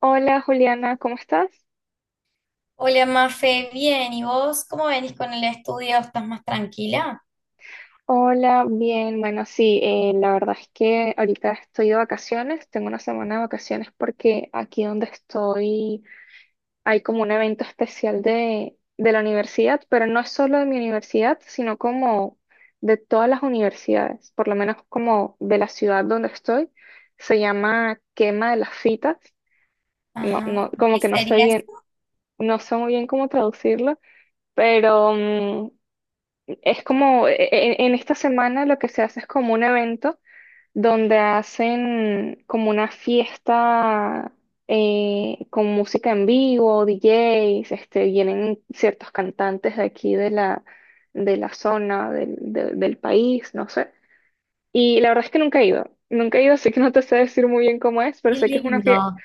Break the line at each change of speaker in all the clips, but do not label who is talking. Hola Juliana, ¿cómo estás?
Hola, Mafe, bien, ¿y vos cómo venís con el estudio? ¿Estás más tranquila?
Hola, bien, bueno, sí, la verdad es que ahorita estoy de vacaciones, tengo una semana de vacaciones porque aquí donde estoy hay como un evento especial de la universidad, pero no es solo de mi universidad, sino como de todas las universidades, por lo menos como de la ciudad donde estoy, se llama Quema de las Fitas, no,
Ajá.
no,
¿Y
como
¿Qué
que no sé
sería
bien,
eso?
no sé muy bien cómo traducirlo, pero... mm, Es como, esta semana lo que se hace es como un evento donde hacen como una fiesta con música en vivo, DJs, vienen ciertos cantantes de aquí de la zona, del país, no sé. Y la verdad es que nunca he ido, nunca he ido, así que no te sé decir muy bien cómo es, pero
Qué
sé que es una fiesta
lindo,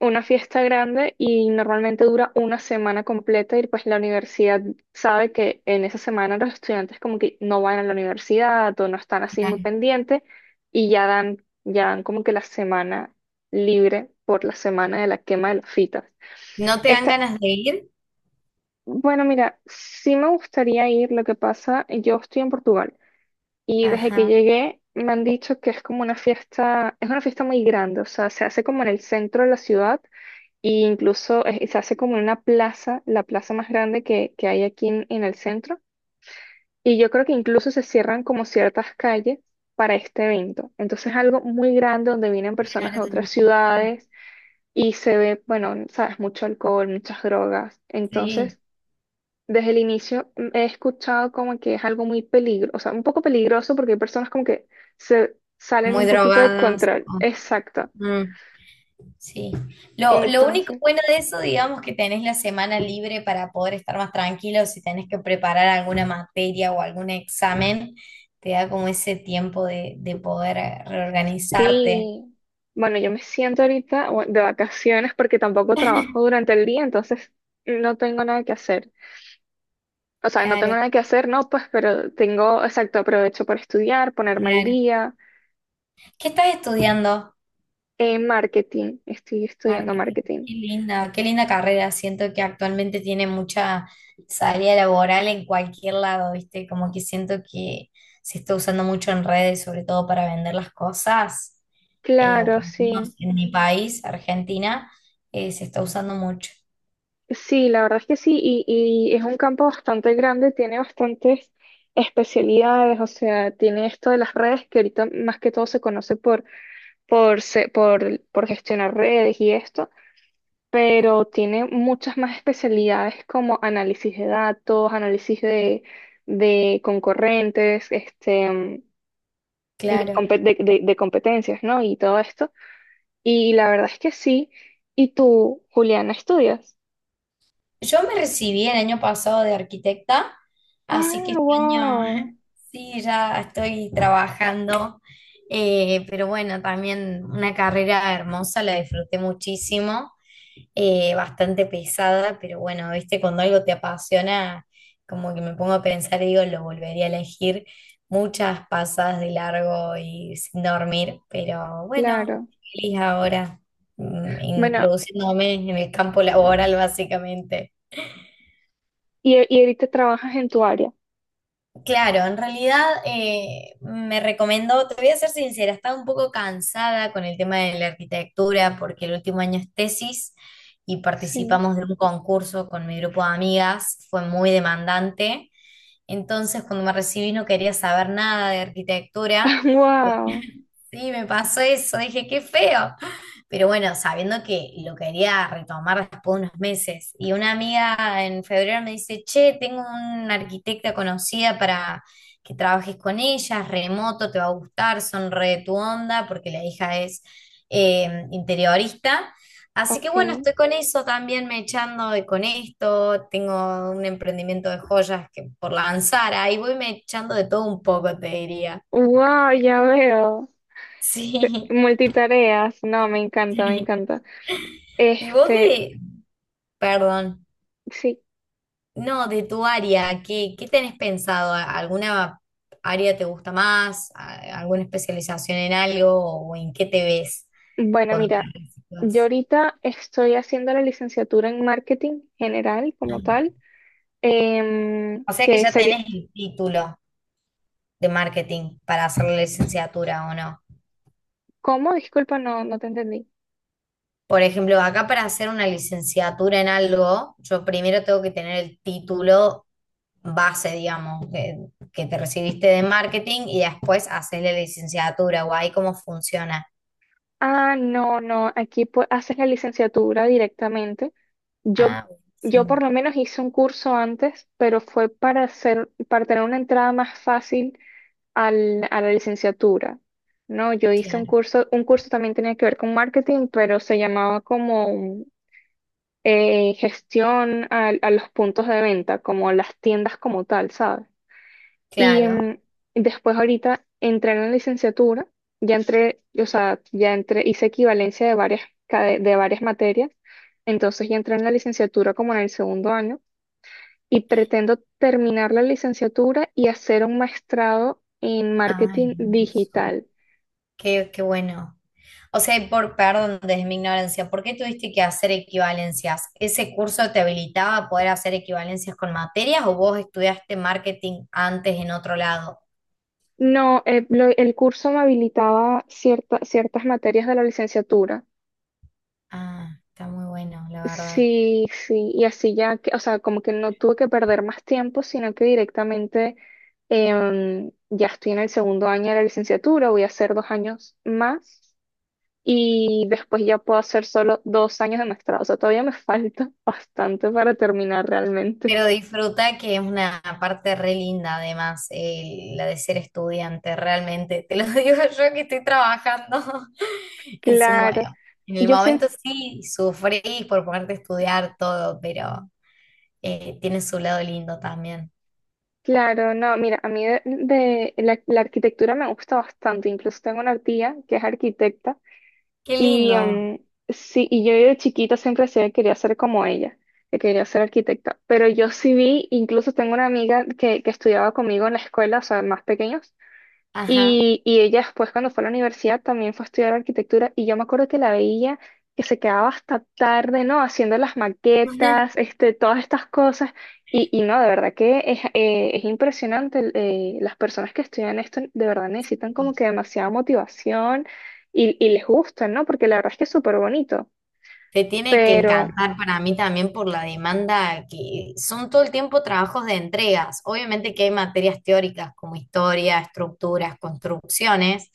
una fiesta grande y normalmente dura una semana completa y pues la universidad sabe que en esa semana los estudiantes como que no van a la universidad o no están así muy
claro.
pendientes y ya dan como que la semana libre por la semana de la quema de las fitas.
¿No te dan
Esta,
ganas de ir?
bueno, mira, sí me gustaría ir, lo que pasa, yo estoy en Portugal y desde que
Ajá.
llegué me han dicho que es como una fiesta, es una fiesta muy grande, o sea, se hace como en el centro de la ciudad y incluso se hace como en una plaza, la plaza más grande que hay aquí en el centro. Y yo creo que incluso se cierran como ciertas calles para este evento. Entonces es algo muy grande donde vienen personas
Claro,
de
de
otras
mucha gente.
ciudades y se ve, bueno, sabes, mucho alcohol, muchas drogas.
Sí,
Entonces, desde el inicio he escuchado como que es algo muy peligroso, o sea, un poco peligroso porque hay personas como que se salen
muy
un poquito de
drogadas.
control.
O-
Exacto.
mm, sí. Lo único
Entonces.
bueno de eso, digamos, que tenés la semana libre para poder estar más tranquilo si tenés que preparar alguna materia o algún examen, te da como ese tiempo de poder reorganizarte.
Sí, bueno, yo me siento ahorita bueno, de vacaciones porque tampoco trabajo durante el día, entonces no tengo nada que hacer. O sea, no tengo
Claro,
nada que hacer, no, pues, pero tengo, exacto, aprovecho para estudiar, ponerme al
claro.
día.
¿Qué estás estudiando?
En marketing, estoy estudiando
Marketing.
marketing.
Qué linda carrera. Siento que actualmente tiene mucha salida laboral en cualquier lado, ¿viste? Como que siento que se está usando mucho en redes, sobre todo para vender las cosas. O
Claro,
por lo menos
sí.
en mi país, Argentina, se está usando mucho.
Sí, la verdad es que sí, y es un campo bastante grande, tiene bastantes especialidades, o sea, tiene esto de las redes que ahorita más que todo se conoce por gestionar redes y esto pero tiene muchas más especialidades como análisis de datos, análisis de concorrentes, de,
Claro.
compe- de- de- de competencias, ¿no? Y todo esto. Y la verdad es que sí. ¿Y tú, Juliana, estudias?
Yo me recibí el año pasado de arquitecta, así
Ah,
que este año
wow,
sí, ya estoy trabajando, pero bueno, también una carrera hermosa, la disfruté muchísimo, bastante pesada, pero bueno, viste, cuando algo te apasiona, como que me pongo a pensar y digo, lo volvería a elegir muchas pasadas de largo y sin dormir, pero bueno,
claro.
feliz ahora,
Bueno,
introduciéndome en el campo laboral básicamente.
y ahorita trabajas en tu área.
Claro, en realidad me recomendó, te voy a ser sincera, estaba un poco cansada con el tema de la arquitectura porque el último año es tesis y
Sí.
participamos de un concurso con mi grupo de amigas, fue muy demandante, entonces cuando me recibí no quería saber nada de arquitectura.
Wow,
Sí, me pasó eso, dije, qué feo. Pero bueno, sabiendo que lo quería retomar después de unos meses. Y una amiga en febrero me dice, che, tengo una arquitecta conocida para que trabajes con ella, es remoto, te va a gustar, son re de tu onda, porque la hija es interiorista. Así que bueno,
ok.
estoy con eso también, me echando de con esto, tengo un emprendimiento de joyas que por lanzar, ahí voy me echando de todo un poco, te diría.
Wow, ya veo.
Sí.
Multitareas. No, me encanta, me encanta.
Y vos
Este,
de, perdón,
sí.
no, de tu área, ¿qué tenés pensado? ¿A- ¿Alguna área te gusta más? ¿A- ¿Alguna especialización en algo? ¿O en qué te ves
Bueno,
cuando
mira,
te
yo
recibas?
ahorita estoy haciendo la licenciatura en marketing general como
Ah.
tal,
O sea que
que
ya
sería,
tenés el título de marketing para hacer la licenciatura, ¿o no?
¿cómo? Disculpa, no, no te entendí.
Por ejemplo, acá para hacer una licenciatura en algo, yo primero tengo que tener el título base, digamos, que te recibiste de marketing y después hacer la licenciatura, o ahí cómo funciona.
Ah, no, no, aquí haces la licenciatura directamente. Yo,
Ah,
yo por
buenísimo,
lo menos hice un curso antes, pero fue para hacer, para tener una entrada más fácil a la licenciatura. No, yo hice
claro,
un curso también tenía que ver con marketing, pero se llamaba como gestión los puntos de venta, como las tiendas como tal, ¿sabes? Y
claro.
después ahorita entré en la licenciatura, ya entré, o sea, ya entré, hice equivalencia de varias, de varias materias, entonces ya entré en la licenciatura como en el segundo año y pretendo terminar la licenciatura y hacer un maestrado en
Ah,
marketing
hermoso.
digital.
Qué, qué bueno. O sea, y por, perdón, desde mi ignorancia, ¿por qué tuviste que hacer equivalencias? ¿Ese curso te habilitaba a poder hacer equivalencias con materias o vos estudiaste marketing antes en otro lado?
No, el curso me habilitaba ciertas materias de la licenciatura.
Ah, está muy bueno, la verdad.
Sí, sí, y así ya, que, o sea, como que no tuve que perder más tiempo, sino que directamente ya estoy en el segundo año de la licenciatura, voy a hacer 2 años más y después ya puedo hacer solo 2 años de maestrado, o sea, todavía me falta bastante para terminar realmente.
Pero disfruta que es una parte re linda, además, el- la de ser estudiante, realmente. Te lo digo yo que estoy trabajando en su mo-
Claro,
En el
yo
momento
siento,
sí, sufrís por ponerte a estudiar todo, pero tiene su lado lindo también.
claro, no, mira, a mí de la arquitectura me gusta bastante, incluso tengo una tía que es arquitecta.
Qué
Y
lindo.
sí, y yo de chiquita siempre decía que quería ser como ella, que quería ser arquitecta. Pero yo sí vi, incluso tengo una amiga que estudiaba conmigo en la escuela, o sea, más pequeños,
Ajá.
y ella después cuando fue a la universidad también fue a estudiar arquitectura y yo me acuerdo que la veía que se quedaba hasta tarde, ¿no? Haciendo las maquetas, todas estas cosas. Y no, de verdad que es impresionante. Las personas que estudian esto de verdad necesitan como que demasiada motivación y les gusta, ¿no? Porque la verdad es que es súper bonito.
Te tiene que encantar para mí también por la demanda que son todo el tiempo trabajos de entregas. Obviamente que hay materias teóricas como historia, estructuras, construcciones,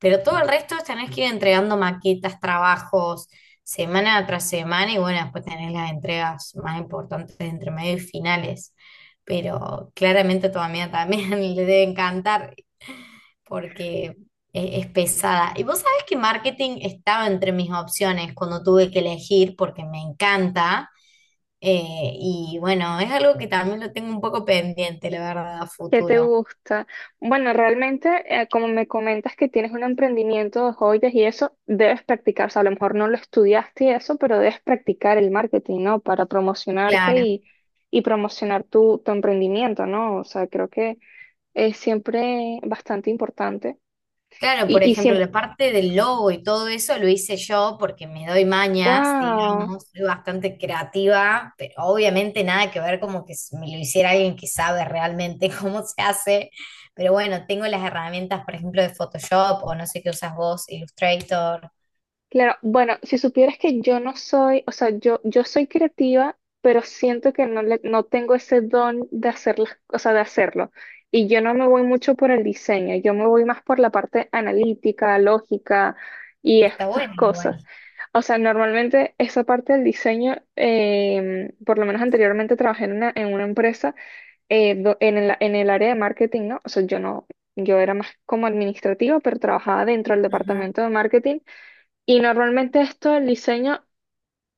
pero todo el resto es tenés que ir entregando maquetas, trabajos, semana tras semana y bueno, después tenés las entregas más importantes de entre medio y finales. Pero claramente a tu amiga también le debe encantar porque es pesada. Y vos sabés que marketing estaba entre mis opciones cuando tuve que elegir porque me encanta. Y bueno, es algo que también lo tengo un poco pendiente, la verdad, a
¿Qué te
futuro.
gusta? Bueno, realmente, como me comentas que tienes un emprendimiento de joyas y eso, debes practicar, o sea, a lo mejor no lo estudiaste y eso, pero debes practicar el marketing, ¿no? Para promocionarte
Claro.
y promocionar tu, tu emprendimiento, ¿no? O sea, creo que es siempre bastante importante.
Claro,
Y,
por
y
ejemplo,
siempre.
la parte del logo y todo eso lo hice yo porque me doy mañas, digamos, soy bastante creativa, pero obviamente nada que ver como que s- me lo hiciera alguien que sabe realmente cómo se hace. Pero bueno, tengo las herramientas, por ejemplo, de Photoshop o no sé qué usas vos, Illustrator.
Claro, bueno, si supieras que yo no soy, o sea, yo soy creativa, pero siento que no, no tengo ese don de hacer las, o sea, de hacerlo. Y yo no me voy mucho por el diseño, yo me voy más por la parte analítica, lógica y
Está
estas
bueno,
cosas.
igual.
O sea, normalmente esa parte del diseño, por lo menos anteriormente trabajé en una empresa en el área de marketing, ¿no? O sea, yo no, yo era más como administrativa, pero trabajaba dentro del
Ajá.
departamento de marketing. Y normalmente esto el diseño,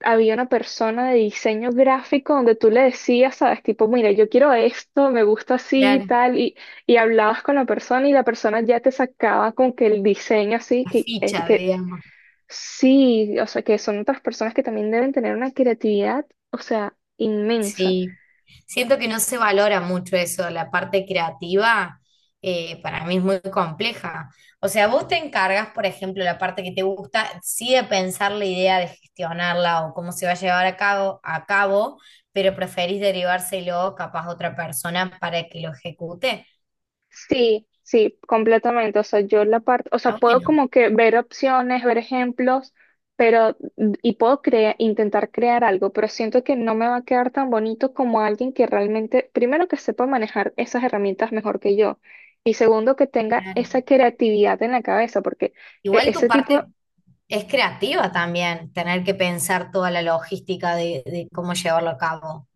había una persona de diseño gráfico donde tú le decías, sabes, tipo, mira, yo quiero esto, me gusta así y
Claro,
tal, y hablabas con la persona y la persona ya te sacaba con que el diseño así,
la
que, eh,
ficha,
que
digamos.
sí, o sea, que son otras personas que también deben tener una creatividad, o sea, inmensa.
Sí, siento que no se valora mucho eso, la parte creativa para mí es muy compleja. O sea, vos te encargas, por ejemplo, la parte que te gusta, sí de pensar la idea, de gestionarla o cómo se va a llevar a cabo, pero preferís derivárselo capaz a otra persona para que lo ejecute.
Sí, sí, completamente. O sea, yo la parte, o sea,
Ah,
puedo
bueno,
como que ver opciones, ver ejemplos, pero, y puedo intentar crear algo, pero siento que no me va a quedar tan bonito como alguien que realmente, primero que sepa manejar esas herramientas mejor que yo, y segundo que tenga
claro.
esa creatividad en la cabeza, porque
Igual tu
ese tipo.
parte es creativa también, tener que pensar toda la logística de cómo llevarlo a cabo.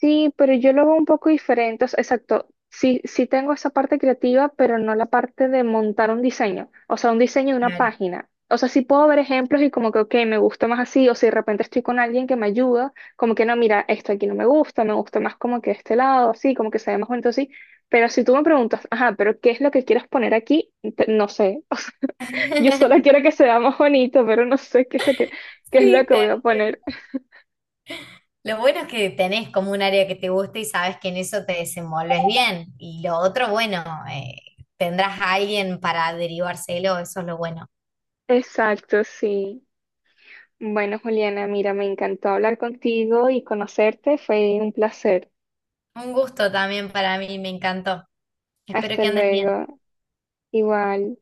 Sí, pero yo lo veo un poco diferente. O sea, exacto. Sí, sí tengo esa parte creativa, pero no la parte de montar un diseño. O sea, un diseño de una
Claro.
página. O sea, sí puedo ver ejemplos y como que, ok, me gusta más así. O si de repente estoy con alguien que me ayuda, como que no, mira, esto aquí no me gusta, me gusta más como que este lado, así, como que se ve más bonito así. Pero si tú me preguntas, ajá, pero ¿qué es lo que quieres poner aquí? No sé. Yo solo quiero que se vea más bonito, pero no sé qué es lo que, qué es lo
Sí,
que
te
voy a
entiendo.
poner.
Lo bueno es que tenés como un área que te gusta y sabes que en eso te desenvolves bien. Y lo otro, bueno, tendrás a alguien para derivárselo, eso es lo bueno.
Exacto, sí. Bueno, Juliana, mira, me encantó hablar contigo y conocerte. Fue un placer.
Un gusto también para mí, me encantó. Espero
Hasta
que andes bien.
luego. Igual.